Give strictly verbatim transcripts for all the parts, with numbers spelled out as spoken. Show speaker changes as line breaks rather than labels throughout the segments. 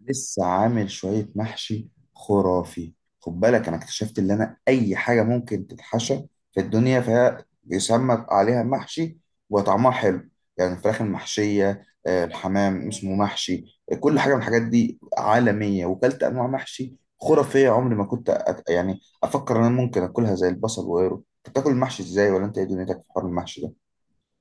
لسه عامل شوية محشي خرافي. خد بالك، أنا اكتشفت إن أنا أي حاجة ممكن تتحشى في الدنيا فهي بيسمى عليها محشي وطعمها حلو. يعني الفراخ المحشية آه، الحمام اسمه محشي، آه، كل حاجة من الحاجات دي عالمية، وكلت أنواع محشي خرافية. عمري ما كنت أت... يعني أفكر إن أنا ممكن أكلها زي البصل وغيره. أنت بتاكل المحشي إزاي، ولا أنت إيه دنيتك في حوار المحشي ده؟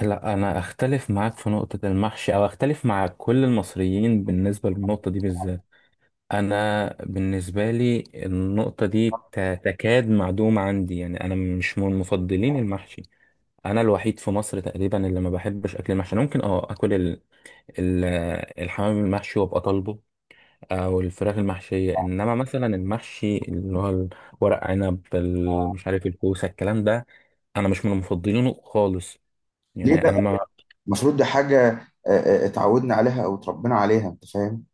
لا، انا اختلف معاك في نقطة المحشي، او اختلف مع كل المصريين بالنسبة للنقطة دي بالذات. انا بالنسبة لي النقطة دي ت- تكاد معدومة عندي، يعني انا مش من مفضلين المحشي. انا الوحيد في مصر تقريبا اللي ما بحبش اكل المحشي. أنا ممكن اه اكل ال- ال- الحمام المحشي وابقى طالبه، او الفراخ المحشية. انما مثلا المحشي اللي هو ورق عنب، ال- مش عارف، الكوسة، الكلام ده انا مش من مفضلينه خالص.
ليه
يعني
بقى؟
انا ما
المفروض دي حاجة، آه، آه، آه، اتعودنا عليها أو اتربينا عليها، أنت فاهم؟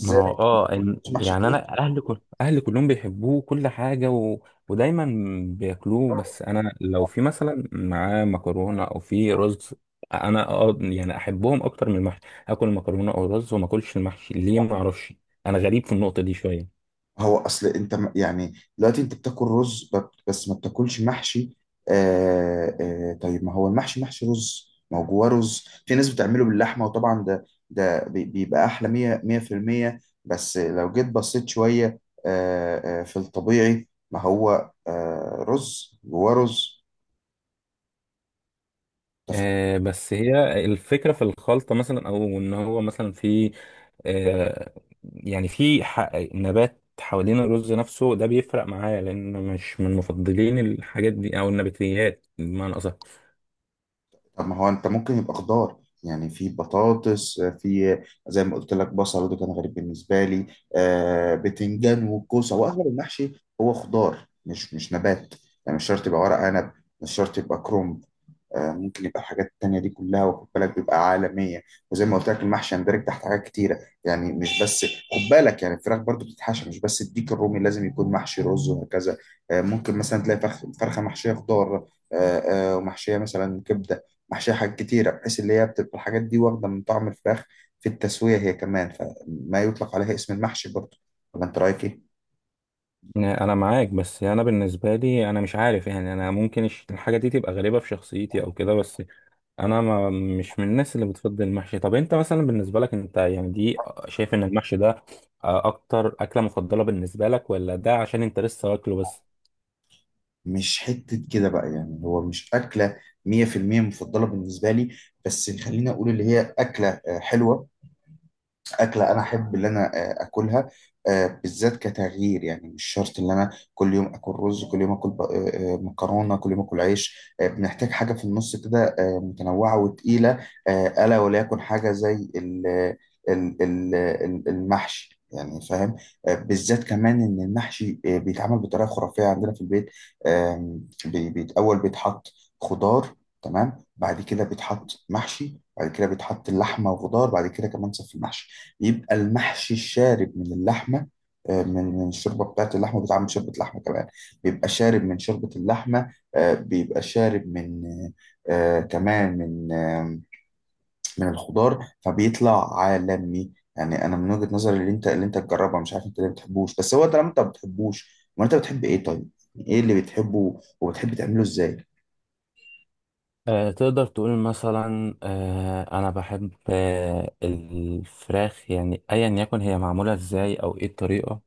ما هو اه إن-
مش محشي.
يعني انا اهلي كل اهلي كلهم بيحبوه كل حاجه و... ودايما بياكلوه، بس انا لو في مثلا معاه مكرونه او في رز، انا اه يعني احبهم اكتر من المحشي، اكل مكرونه او رز وما اكلش المحشي. ليه؟ ما اعرفش. انا غريب في النقطه دي شويه.
هو اصل انت م- يعني دلوقتي انت بتاكل رز ب- بس ما بتاكلش محشي؟ آه آه طيب، ما هو المحشي محشي رز، ما هو جواه رز. في ناس بتعمله باللحمه، وطبعا ده ده بي- بيبقى احلى مية مية في المية. بس لو جيت بصيت شويه، آه آه، في الطبيعي ما هو آه رز جواه رز. انت
آه، بس هي الفكرة في الخلطة مثلا، أو إن هو مثلا في آه، يعني في ح- نبات حوالين الرز نفسه، ده بيفرق معايا لأن مش من مفضلين الحاجات دي، أو النباتيات بمعنى أصح.
طب ما هو انت ممكن يبقى خضار، يعني في بطاطس، في زي ما قلت لك بصل، وده كان غريب بالنسبه لي. آه بتنجان وكوسه، واغلب المحشي هو خضار، مش مش نبات، يعني مش شرط يبقى ورق عنب، مش شرط يبقى كرومب. آه، ممكن يبقى الحاجات التانية دي كلها، وخد بالك بيبقى عالمية. وزي ما قلت لك، المحشي يندرج تحت حاجات كتيرة، يعني مش بس، خد بالك، يعني الفراخ برضو بتتحشى، مش بس الديك الرومي لازم يكون محشي رز وهكذا. آه، ممكن مثلا تلاقي فرخ فرخة محشية خضار، آه، آه، ومحشية مثلا كبدة، محشية حاجات كتيرة، بحيث اللي هي بتبقى الحاجات دي واخدة من طعم الفراخ في التسوية هي كمان، فما يطلق عليها اسم المحشي برضو. ولا انت رأيك ايه؟
أنا معاك، بس أنا بالنسبة لي أنا مش عارف، يعني أنا ممكن الش- الحاجة دي تبقى غريبة في شخصيتي أو كده، بس أنا ما مش من الناس اللي بتفضل المحشي. طب أنت مثلا بالنسبة لك، أنت يعني دي، آه، شايف إن المحشي ده آه، أكتر أكلة مفضلة بالنسبة لك، ولا ده عشان أنت لسه واكله بس؟
مش حتة كده بقى، يعني هو مش أكلة مية في المية مفضلة بالنسبة لي، بس خليني أقول اللي هي أكلة آه، حلوة، أكلة أنا أحب اللي أنا آه، أكلها، آه، بالذات كتغيير. يعني مش شرط إن أنا كل يوم آكل رز، كل يوم آكل ب- آه، آه، مكرونة، كل يوم آكل عيش. آه، بنحتاج حاجة في النص كده، آه، متنوعة وتقيلة، آه، ألا وليكن حاجة زي ال- ال- ال- ال- المحشي، يعني فاهم. آه، بالذات كمان إن المحشي آه، بيتعمل بطريقة خرافية عندنا في البيت. آم، بي- بيت- أول بيتحط خضار، تمام، بعد كده بيتحط محشي، بعد كده بيتحط اللحمة وخضار، بعد كده كمان صف المحشي، يبقى المحشي الشارب من اللحمه. آه، من من الشوربه بتاعت اللحمه، بتعمل من شوربه لحمه كمان، بيبقى شارب من شوربه اللحمه، آه، بيبقى شارب من آه، كمان من آه، من الخضار، فبيطلع عالمي. يعني انا من وجهه نظري، اللي انت اللي انت تجربها، مش عارف انت ليه ما بتحبوش، بس هو طالما انت ما بتحبوش، ما انت بتحب ايه طيب؟ يعني ايه اللي بتحبه وبتحب تعمله ازاي؟
آه، تقدر تقول مثلا، آه، انا بحب آه، الفراخ، يعني ايا يكن هي معموله ازاي او ايه الطريقه.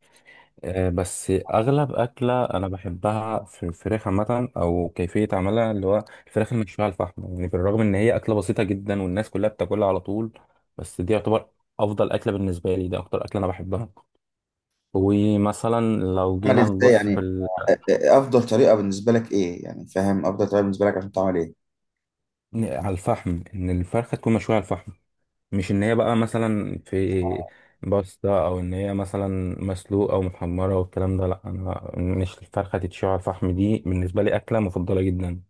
آه، بس اغلب اكله انا بحبها في الفراخ عامه، او كيفيه عملها اللي هو الفراخ المشويه على الفحم. يعني بالرغم ان هي اكله بسيطه جدا والناس كلها بتاكلها على طول، بس دي يعتبر افضل اكله بالنسبه لي، ده اكتر اكله انا بحبها. ومثلا لو
عمل
جينا
أنا ازاي
نبص في
يعني،
ال...
آه، آه، آه، افضل طريقه بالنسبه لك ايه، يعني فاهم، افضل طريقه بالنسبه لك عشان تعمل ايه.
على الفحم، ان الفرخه تكون مشويه على الفحم. مش ان هي بقى مثلا في باستا، او ان هي مثلا مسلوقه او محمره والكلام ده، لا، انا مش، الفرخه تتشوي على الفحم دي بالنسبه لي اكله مفضله جدا.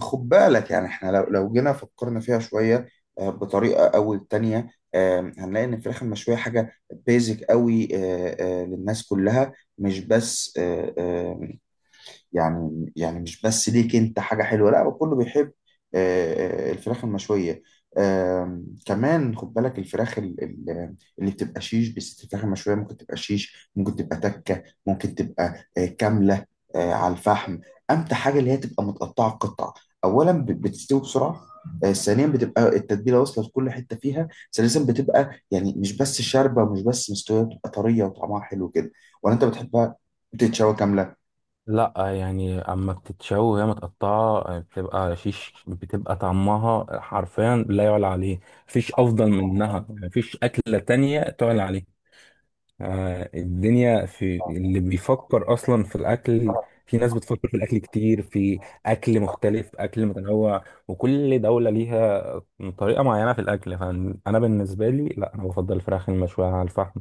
خد بالك، يعني احنا لو لو جينا فكرنا فيها شوية، آه، بطريقة أو التانية، آه، هنلاقي إن الفراخ المشوية حاجة بيزك قوي، آه، آه، للناس كلها، مش بس، آه، آه، يعني يعني مش بس ليك انت حاجة حلوة، لا كله بيحب آه، آه، الفراخ المشوية. آم، كمان خد بالك الفراخ ال- ال- اللي بتبقى شيش، بس الفراخ المشوية ممكن تبقى شيش، ممكن تبقى تكة، ممكن تبقى آه، كاملة، آه، على الفحم. أمتع حاجة اللي هي تبقى متقطعة قطع. أولا، ب- بتستوي بسرعة، آه، ثانيا، بتبقى التتبيلة واصلة لكل حتة فيها، ثالثا، بتبقى يعني مش بس شاربة ومش بس مستوية، بتبقى طرية وطعمها حلو كده. ولا أنت بتحبها بتتشوى كاملة؟
لا، يعني اما بتتشوي وهي متقطعه بتبقى شيش، بتبقى طعمها حرفيا لا يعلى عليه. مفيش افضل منها، مفيش اكله تانية تعلى عليها. آه، الدنيا، في اللي بيفكر اصلا في الاكل، في ناس بتفكر في الاكل كتير، في اكل مختلف اكل متنوع، وكل دوله ليها طريقه معينه في الاكل. فانا بالنسبه لي، لا، انا بفضل الفراخ المشويه على الفحم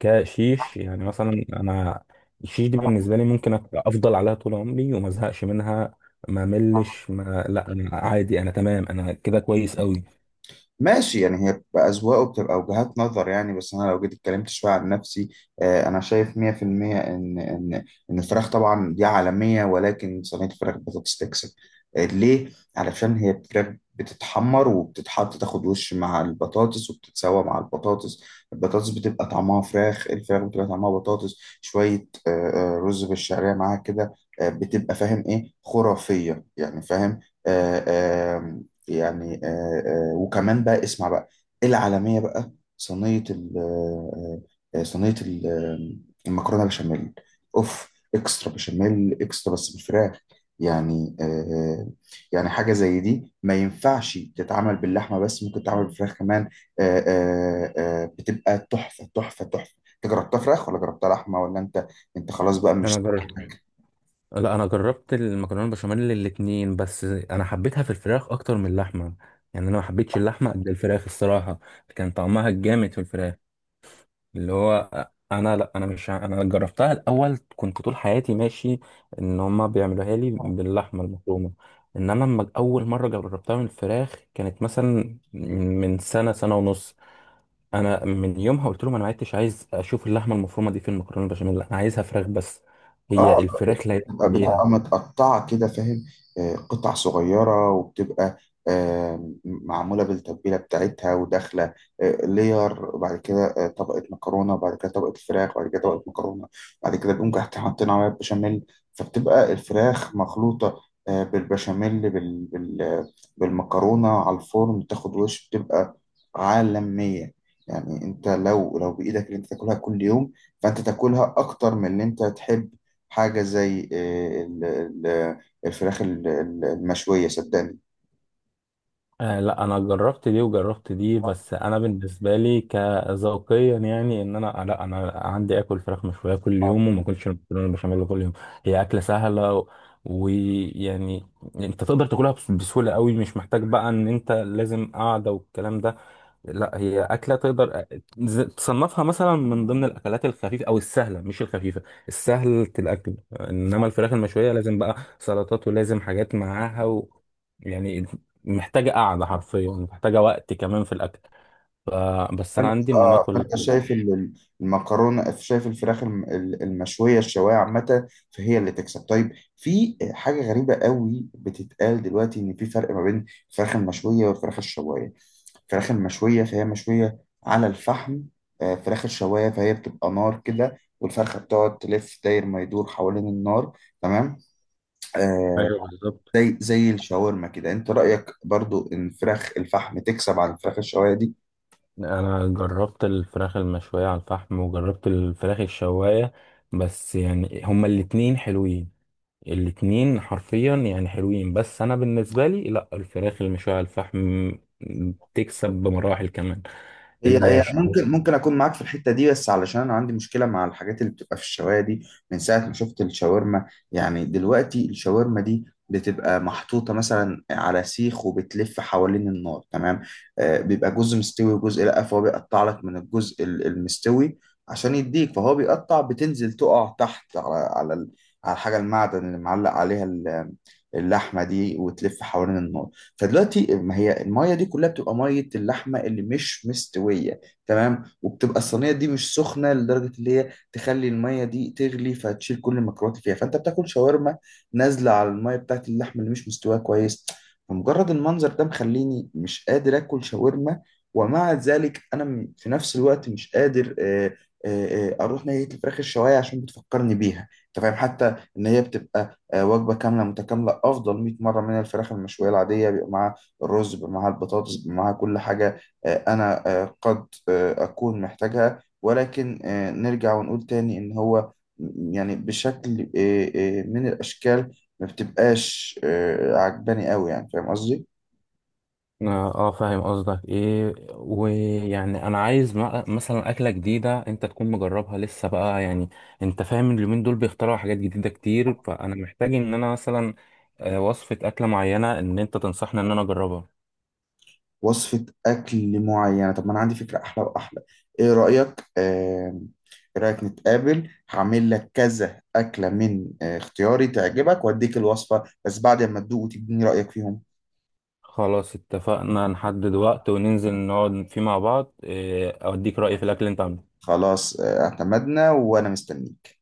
كشيش. يعني مثلا انا الشيش دي بالنسبه لي ممكن أبقى افضل عليها طول عمري وما ازهقش منها. ما ملش، ما لا، انا عادي، انا تمام، انا كده كويس قوي.
ماشي، يعني هي بتبقى أذواق وبتبقى وجهات نظر. يعني بس أنا لو جيت اتكلمت شوية عن نفسي، آه، أنا شايف مية في المية إن إن إن الفراخ طبعا دي عالمية، ولكن صينية الفراخ بطاطس تكسب. آه، ليه؟ علشان هي فراخ بتتحمر وبتتحط، تاخد وش مع البطاطس، وبتتسوى مع البطاطس، البطاطس بتبقى طعمها فراخ، الفراخ بتبقى طعمها بطاطس، شوية آه، آه، رز بالشعرية معاها كده، آه، بتبقى، فاهم إيه، خرافية، يعني فاهم. يعني آه، آه، وكمان بقى، اسمع بقى، العالمية بقى، صينية ال- آه، آه، صينية ال- آه، المكرونة بشاميل. اوف، اكسترا بشاميل، اكسترا، بس بالفراخ. يعني آه، آه، يعني حاجة زي دي ما ينفعش تتعمل باللحمة بس، ممكن تتعمل بالفراخ كمان. آه، آه، آه، بتبقى تحفة، تحفة، تحفة. انت جربتها فراخ ولا جربتها لحمة؟ ولا انت، انت خلاص بقى
انا
مش.
جربت لا، انا جربت المكرونه البشاميل الاتنين، بس انا حبيتها في الفراخ اكتر من اللحمه. يعني انا ما حبيتش اللحمه قد الفراخ، الصراحه كان طعمها الجامد في الفراخ. اللي هو، انا لا انا مش ع- انا جربتها الاول، كنت طول حياتي ماشي ان هما بيعملوها لي باللحمه المفرومه. انما لما اول مره جربتها من الفراخ كانت مثلا من سنه، سنه ونص، انا من يومها قلت لهم انا ما عدتش عايز اشوف اللحمه المفرومه دي في المكرونه البشاميل، انا عايزها فراخ بس. هي
اه،
الفراخ لا يعلى
بتبقى بتبقى
عليها.
متقطعة كده، فاهم، آه، قطع صغيرة، وبتبقى آه، معمولة بالتتبيلة بتاعتها وداخلة آه، لير، وبعد كده آه، طبقة مكرونة، وبعد كده طبقة فراخ، وبعد كده طبقة مكرونة، بعد كده بنقوم تحت حاطين عليها بشاميل. فبتبقى الفراخ مخلوطة آه، بالبشاميل بال... بال... بالمكرونة، على الفرن تاخد وش، بتبقى عالمية. يعني انت لو لو بإيدك اللي انت تاكلها كل يوم، فانت تاكلها اكتر من اللي انت تحب، حاجة زي آه، ال- ال- الفراخ ال- ال- المشوية، صدقني.
آه، لا، انا جربت دي وجربت دي، بس انا بالنسبه لي كذوقيا، يعني ان انا لا انا عندي اكل فراخ مشويه كل يوم وما اكلش المكرونه بشاميل كل يوم. هي اكله سهله و- ويعني انت تقدر تاكلها بس- بسهوله قوي، مش محتاج بقى ان انت لازم قاعده والكلام ده. لا، هي أكلة تقدر ز- تصنفها مثلا من ضمن الأكلات الخفيفة أو السهلة، مش الخفيفة، السهل الأكل. إنما الفراخ المشوية لازم بقى سلطات ولازم حاجات معاها و... يعني محتاجة قعدة، حرفيا محتاجة وقت كمان في الأكل ف... بس أنا
فانت،
عندي إن أنا
اه
آكل.
فانت شايف ال- ال- المكرونه، شايف الفراخ الم- ال- المشويه، الشوايه عامه، فهي اللي تكسب. طيب، في حاجه غريبه قوي بتتقال دلوقتي، ان في فرق ما بين الفراخ المشويه والفراخ الشوايه. الفراخ المشويه فهي مشويه على الفحم، آه، فراخ الشوايه فهي بتبقى نار كده، والفرخه بتقعد تلف داير ما يدور حوالين النار، تمام؟ آه،
ايوه، بالظبط.
زي زي الشاورما كده. انت رأيك برضو ان فراخ الفحم تكسب عن فراخ الشوايه دي؟
أنا جربت الفراخ المشوية على الفحم وجربت الفراخ الشواية، بس يعني هما الاتنين حلوين، الاتنين حرفيا يعني حلوين، بس انا بالنسبه لي، لا، الفراخ المشويه على الفحم تكسب بمراحل كمان.
هي هي
الشو
ممكن، ممكن اكون معاك في الحته دي، بس علشان انا عندي مشكله مع الحاجات اللي بتبقى في الشوايه دي من ساعه ما شفت الشاورما. يعني دلوقتي الشاورما دي بتبقى محطوطه مثلا على سيخ وبتلف حوالين النار، تمام؟ آه بيبقى جزء مستوي وجزء لا، فهو بيقطع لك من الجزء ال- المستوي عشان يديك، فهو بيقطع بتنزل تقع تحت على على ال- على الحاجه المعدن اللي معلق عليها ال- اللحمه دي، وتلف حوالين النار. فدلوقتي ما هي الميه دي كلها بتبقى ميه اللحمه اللي مش مستويه، تمام، وبتبقى الصينيه دي مش سخنه لدرجه اللي هي تخلي الميه دي تغلي فتشيل كل الميكروبات اللي فيها. فانت بتاكل شاورما نازله على الميه بتاعت اللحمه اللي مش مستويه كويس. فمجرد المنظر ده مخليني مش قادر اكل شاورما. ومع ذلك انا م- في نفس الوقت مش قادر آه، آه، آه، اروح ناحيه الفراخ الشوايه، عشان بتفكرني بيها، انت فاهم، حتى ان هي بتبقى آه، وجبة كاملة متكاملة، أفضل مية مرة من الفراخ المشوية العادية، بيبقى معاها الرز، بيبقى معاها البطاطس، بيبقى معاها كل حاجة. آه، أنا آه، قد آه، أكون محتاجها، ولكن آه، نرجع ونقول تاني إن هو، م- يعني بشكل آه، آه، من الأشكال ما بتبقاش آه، عجباني قوي، يعني فاهم قصدي؟
اه، آه، فاهم قصدك ايه، ويعني انا عايز م- مثلا اكله جديده انت تكون مجربها لسه، بقى يعني انت فاهم، اليومين دول بيخترعوا حاجات جديده كتير، فانا محتاج ان انا مثلا آه، وصفه اكله معينه ان انت تنصحني ان انا اجربها.
وصفة أكل معينة؟ طب ما أنا عندي فكرة أحلى وأحلى. إيه رأيك؟ آه، إيه رأيك نتقابل، هعمل لك كذا أكلة من آه، اختياري، تعجبك، وأديك الوصفة بس بعد ما تدوق وتديني رأيك فيهم.
خلاص، اتفقنا، نحدد وقت وننزل نقعد فيه مع بعض آه، اوديك رايي في الاكل اللي انت عامله.
خلاص، آه، اعتمدنا، وأنا مستنيك.